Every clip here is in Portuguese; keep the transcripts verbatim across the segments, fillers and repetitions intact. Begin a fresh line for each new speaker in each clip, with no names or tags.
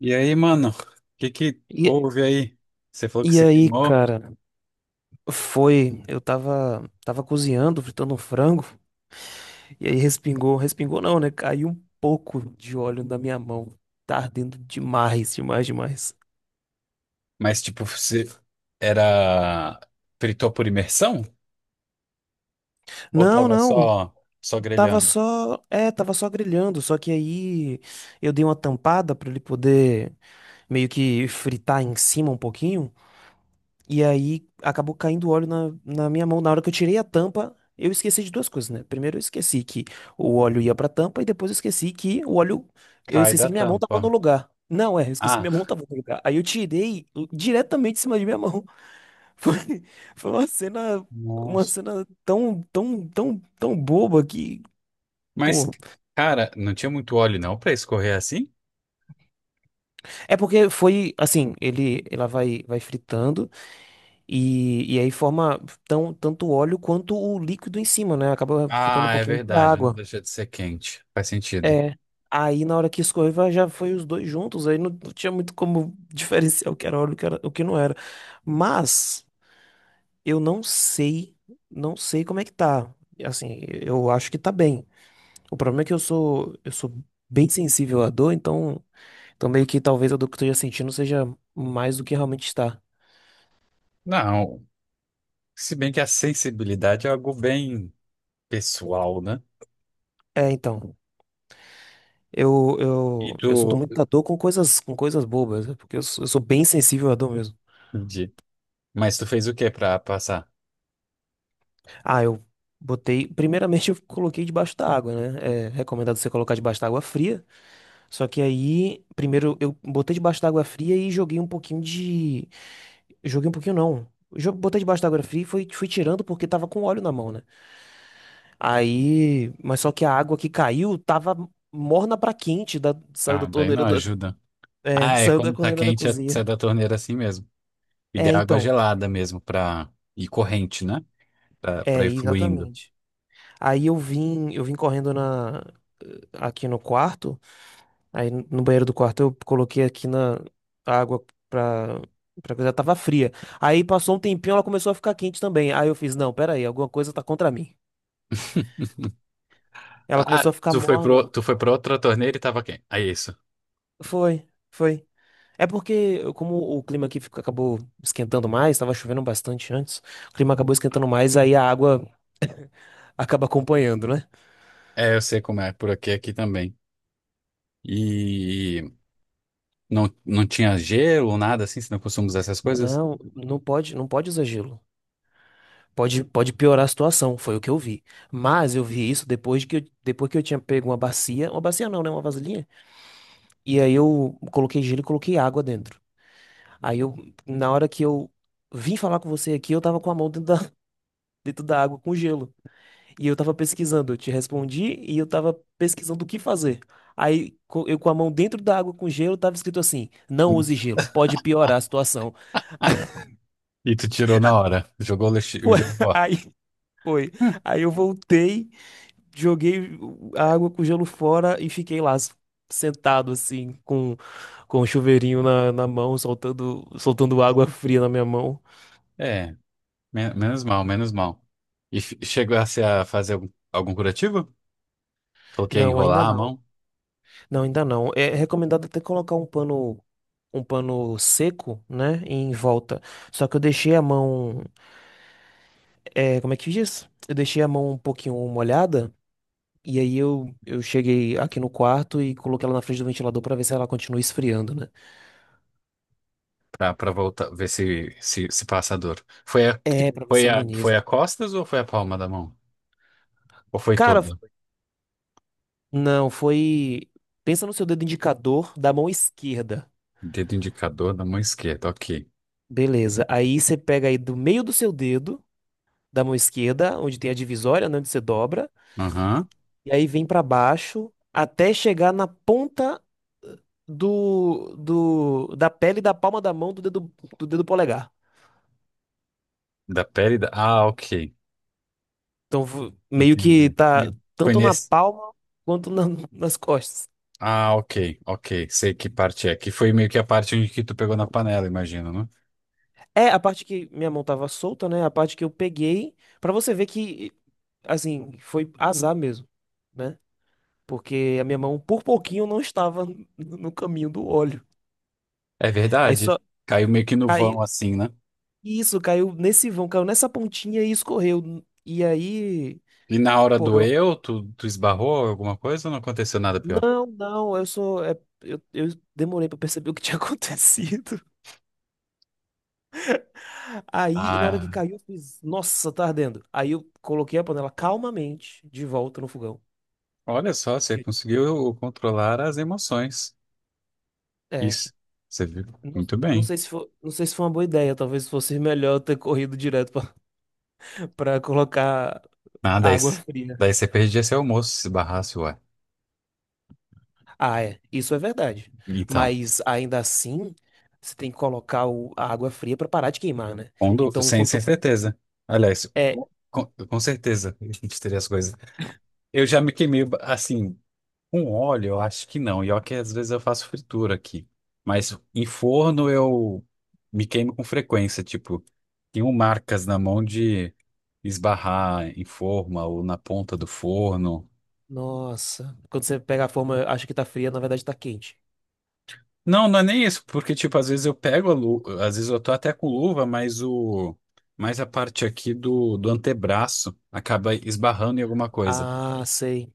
E aí, mano, o que que
E,
houve aí? Você falou que
e
se
aí,
queimou,
cara, foi. Eu tava, tava cozinhando, fritando um frango, e aí respingou, respingou não, né? Caiu um pouco de óleo na minha mão. Tá ardendo demais, demais, demais.
mas tipo, você era fritou por imersão? Ou
Não,
tava
não,
só só
tava
grelhando?
só. É, tava só grelhando, só que aí eu dei uma tampada pra ele poder meio que fritar em cima um pouquinho. E aí acabou caindo óleo na, na minha mão. Na hora que eu tirei a tampa, eu esqueci de duas coisas, né? Primeiro eu esqueci que o óleo ia pra tampa e depois eu esqueci que o óleo. Eu
Cai
esqueci
da
que minha mão
tampa.
tava no lugar. Não, é, eu esqueci que minha mão
Ah,
tava no lugar. Aí eu tirei diretamente em cima de minha mão. Foi, foi uma cena, uma
nossa.
cena tão, tão, tão, tão boba que.
Mas,
Pô.
cara, não tinha muito óleo não pra escorrer assim?
É porque foi assim, ele, ela vai, vai fritando. E, e aí forma tão, tanto o óleo quanto o líquido em cima, né? Acaba ficando um
Ah, é
pouquinho de
verdade, não
água.
deixa de ser quente. Faz sentido.
É. Aí na hora que escorreu já foi os dois juntos, aí não, não tinha muito como diferenciar o que era óleo, o que era, o que não era. Mas eu não sei, não sei como é que tá. Assim, eu acho que tá bem. O problema é que eu sou, eu sou bem sensível à dor, então, então meio que talvez a dor que eu esteja sentindo seja mais do que realmente está.
Não, se bem que a sensibilidade é algo bem pessoal, né?
É, então. Eu,
E
eu,
tu,
eu sinto muita dor com coisas, com coisas bobas, né? Porque eu sou, eu sou bem sensível à dor mesmo.
entendi. Mas tu fez o que pra passar?
Ah, eu botei. Primeiramente, eu coloquei debaixo da água, né? É recomendado você colocar debaixo da água fria. Só que aí, primeiro, eu botei debaixo da água fria e joguei um pouquinho de. Joguei um pouquinho, não. Jo- Botei debaixo da água fria e fui, fui tirando porque tava com óleo na mão, né? Aí. Mas só que a água que caiu tava morna pra quente, da... saiu da
Ah, daí não
torneira da.
ajuda.
É,
Ah, é
saiu da
quando tá
torneira da
quente, é-
cozinha.
sai da torneira assim mesmo. E de
É,
água
então.
gelada mesmo pra ir corrente, né? Pra,
É,
pra ir fluindo.
exatamente. Aí eu vim, eu vim correndo na aqui no quarto, aí no banheiro do quarto eu coloquei aqui na a água pra para coisa tava fria. Aí passou um tempinho, ela começou a ficar quente também. Aí eu fiz, não, pera aí, alguma coisa tá contra mim. Ela
Ah,
começou a ficar
tu foi pro,
morna.
tu foi pra outra torneira e tava quente. É isso.
Foi, foi. É porque como o clima aqui ficou- acabou esquentando mais, tava chovendo bastante antes, o clima acabou esquentando mais, aí a água acaba acompanhando, né?
É, eu sei como é, por aqui, aqui também. E não, não tinha gelo, ou nada assim, você não costuma usar essas coisas?
Não, não pode, não pode usar gelo. Pode, pode piorar a situação, foi o que eu vi. Mas eu vi isso depois de que eu, depois que eu tinha pego uma bacia, uma bacia não, né, uma vasilhinha. E aí eu coloquei gelo e coloquei água dentro. Aí eu, na hora que eu vim falar com você aqui, eu tava com a mão dentro da, dentro da água com gelo. E eu tava pesquisando, eu te respondi e eu tava pesquisando o que fazer. Aí co- eu com a mão dentro da água com gelo, tava escrito assim: não use gelo, pode piorar a situação.
E tu tirou na hora, jogou o lixo- o
Foi-
gelo fora.
Aí foi.
Hum.
Aí eu voltei. Joguei a água com gelo fora e fiquei lá s- sentado assim com com o chuveirinho na, na mão, soltando soltando água fria na minha mão.
É, men- menos mal, menos mal. E f- chegou a ser a fazer algum, algum curativo? Coloquei a
Não, ainda
enrolar a
não.
mão?
Não, ainda não. É recomendado até colocar um pano um pano seco, né, em volta. Só que eu deixei a mão, é, como é que diz? Eu deixei a mão um pouquinho molhada. E aí eu, eu cheguei aqui no quarto e coloquei ela na frente do ventilador pra ver se ela continua esfriando, né?
Pra, pra voltar, ver se, se, se passa a dor. Foi a, que-
É, pra ver se
foi a, foi
ameniza.
a costas ou foi a palma da mão? Ou foi
Cara,
toda?
não, foi. Pensa no seu dedo indicador da mão esquerda.
Dedo indicador da mão esquerda, ok.
Beleza. Aí você pega aí do meio do seu dedo, da mão esquerda, onde tem a divisória, né, onde você dobra,
Aham.
e aí vem pra baixo até chegar na ponta do, do da pele da palma da mão do dedo do dedo polegar.
Da pele da. Ah, ok.
Então vo- meio que
Entendi.
tá
Foi, foi
tanto na
nesse.
palma quanto na- nas costas.
Ah, ok, ok. Sei que parte é. Que foi meio que a parte onde que tu pegou na panela, imagino, né?
É a parte que minha mão tava solta, né? A parte que eu peguei, pra você ver que assim, foi azar mesmo né? Porque a minha mão por pouquinho não estava no no caminho do óleo.
É
Aí
verdade.
só
Caiu meio que no vão,
caiu,
assim, né?
isso, caiu nesse vão, caiu nessa pontinha e escorreu. E aí,
E na hora
pô, eu,
doeu, tu, tu esbarrou alguma coisa ou não aconteceu nada pior?
não, não, eu sou, é, eu, eu demorei pra perceber o que tinha acontecido. Aí, na hora que
Ah,
caiu, eu fiz, nossa, tá ardendo. Aí eu coloquei a panela calmamente de volta no fogão.
olha só, você
Eu-
conseguiu controlar as emoções.
é,
Isso. Você viu?
não,
Muito
não
bem.
sei se foi, não sei se foi uma boa ideia, talvez fosse melhor eu ter corrido direto pra pra colocar
Ah, daí,
água
c-
fria.
daí você perdia seu almoço se barrasse, ué.
Ah, é, isso é verdade.
Então,
Mas ainda assim, você tem que colocar o- a água fria para parar de queimar, né?
quando,
Então,
sem, sem
quanto
certeza. Aliás,
é,
com, com com certeza a gente teria as coisas. Eu já me queimei, assim, com óleo, eu acho que não. E ó que às vezes eu faço fritura aqui. Mas em forno eu me queimo com frequência. Tipo, tenho marcas na mão de esbarrar em forma ou na ponta do forno.
nossa, quando você pega a forma, acha que tá fria, na verdade tá quente.
Não, não é nem isso, porque, tipo, às vezes eu pego a luva, às vezes eu tô até com luva, mas o, mas a parte aqui do, do antebraço acaba esbarrando em alguma coisa.
Ah, sei,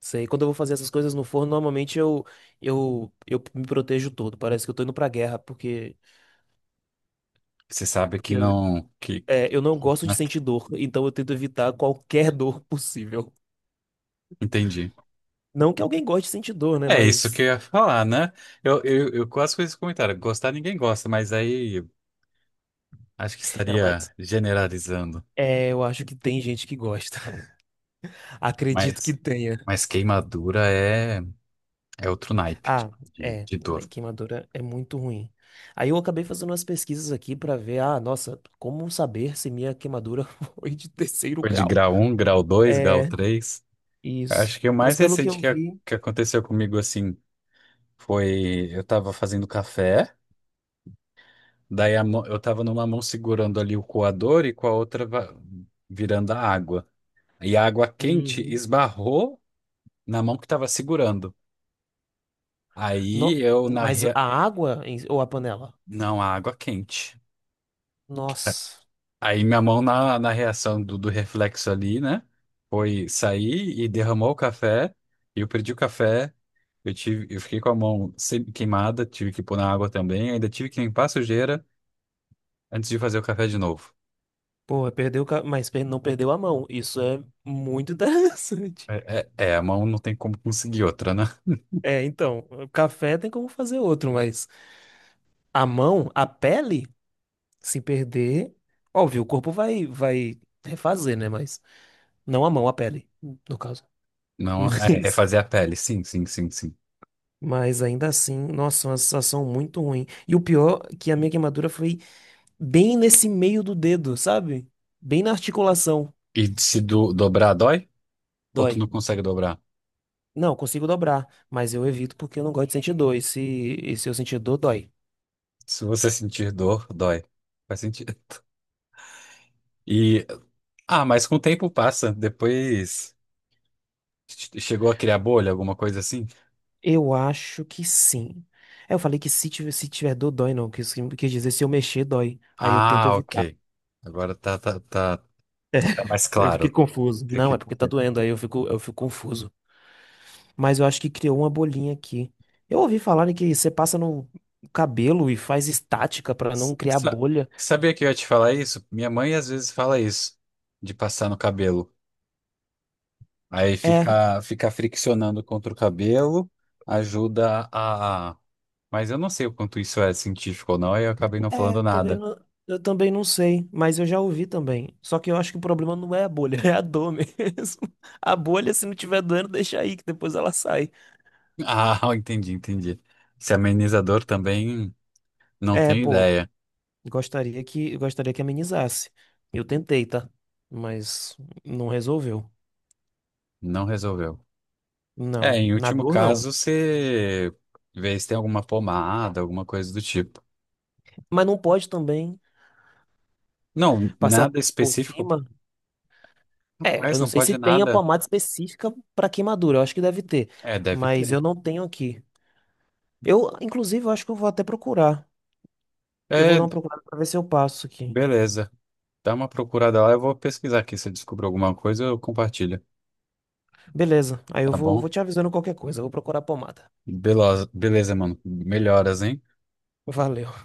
sei. Quando eu vou fazer essas coisas no forno, normalmente eu eu eu me protejo todo. Parece que eu tô indo pra guerra, porque
Você sabe
porque
que
eu,
não, que,
é, eu não gosto de sentir dor, então eu tento evitar qualquer dor possível.
entendi.
Não que alguém goste de sentir dor, né,
É isso que
mas
eu ia falar, né? Eu, eu, eu quase fiz esse comentário, gostar ninguém gosta, mas aí acho que
é, mas
estaria generalizando.
é, eu acho que tem gente que gosta. Acredito que
Mas,
tenha.
mas queimadura é, é outro naipe de,
Ah,
de,
é.
de dor.
Né, queimadura é muito ruim. Aí eu acabei fazendo umas pesquisas aqui pra ver, ah, nossa, como saber se minha queimadura foi de terceiro
Foi de
grau?
grau um, grau dois, grau
É,
três.
isso.
Acho que o
Mas
mais
pelo que
recente
eu
que, a-
vi.
que aconteceu comigo, assim, foi eu tava fazendo café, daí a mão- eu tava numa mão segurando ali o coador e com a outra va- virando a água. E a água quente
Uhum.
esbarrou na mão que tava segurando.
No-
Aí eu na
mas
rea...
a água em- ou a panela?
Não, a água quente.
Nossa.
Aí minha mão na, na reação do, do reflexo ali, né? Foi sair e derramou o café. E eu perdi o café. Eu tive, eu fiquei com a mão semi- queimada, tive que pôr na água também. Ainda tive que limpar a sujeira antes de fazer o café de novo.
Pô, perdeu, o ca- mas per- não perdeu a mão. Isso é muito interessante.
É, é- é, a mão não tem como conseguir outra, né?
É, então, o café tem como fazer outro, mas a mão, a pele? Se perder, óbvio, o corpo vai vai refazer, né? Mas não a mão, a pele, no caso.
Não, é
Mas
refazer a pele. Sim, sim, sim, sim.
mas ainda assim, nossa, uma sensação muito ruim. E o pior é que a minha queimadura foi bem nesse meio do dedo, sabe? Bem na articulação.
E se do- dobrar, dói? Ou tu
Dói.
não consegue dobrar?
Não, eu consigo dobrar, mas eu evito porque eu não gosto de sentir dor. E se, e se eu sentir dor, dói.
Se você sentir dor, dói. Faz sentido. E, ah, mas com o tempo passa. Depois. Che- Chegou a criar bolha, alguma coisa assim?
Eu acho que sim. É, eu falei que se tiver, se tiver dor, dói, não. Quis, quis dizer se eu mexer, dói. Aí eu tento
Ah,
evitar.
ok. Agora tá, tá, tá, tá mais
Eu
claro.
fiquei
O
confuso.
que eu
Não,
quis
é porque tá
dizer.
doendo, aí eu fico, eu fico confuso. Mas eu acho que criou uma bolinha aqui. Eu ouvi falar que você passa no cabelo e faz estática pra não
S-
criar
sa-
bolha.
Sabia que eu ia te falar isso? Minha mãe às vezes fala isso, de passar no cabelo. Aí
É,
fica, fica friccionando contra o cabelo, ajuda a. Mas eu não sei o quanto isso é científico ou não, aí eu acabei não
é,
falando
eu também
nada.
não, eu também não sei, mas eu já ouvi também. Só que eu acho que o problema não é a bolha, é a dor mesmo. A bolha, se não tiver doendo, deixa aí, que depois ela sai.
Ah, entendi, entendi. Esse amenizador também não
É,
tenho
pô,
ideia.
gostaria que, gostaria que amenizasse. Eu tentei, tá? Mas não resolveu.
Não resolveu. É,
Não,
em
na
último
dor não.
caso, você vê se tem alguma pomada, alguma coisa do tipo.
Mas não pode também.
Não,
Passar
nada
por
específico.
cima? É,
Rapaz,
eu não
não
sei se
pode
tem a
nada.
pomada específica para queimadura, eu acho que deve ter,
É, deve
mas
ter.
eu não tenho aqui. Eu, inclusive, eu acho que eu vou até procurar. Eu vou
É,
dar uma procurada para ver se eu passo aqui.
beleza. Dá uma procurada lá, eu vou pesquisar aqui. Se eu descobrir alguma coisa, eu compartilho.
Beleza, aí eu
Tá
vou,
bom?
vou te avisando qualquer coisa, eu vou procurar a pomada.
Beleza, beleza, mano. Melhoras, hein?
Valeu.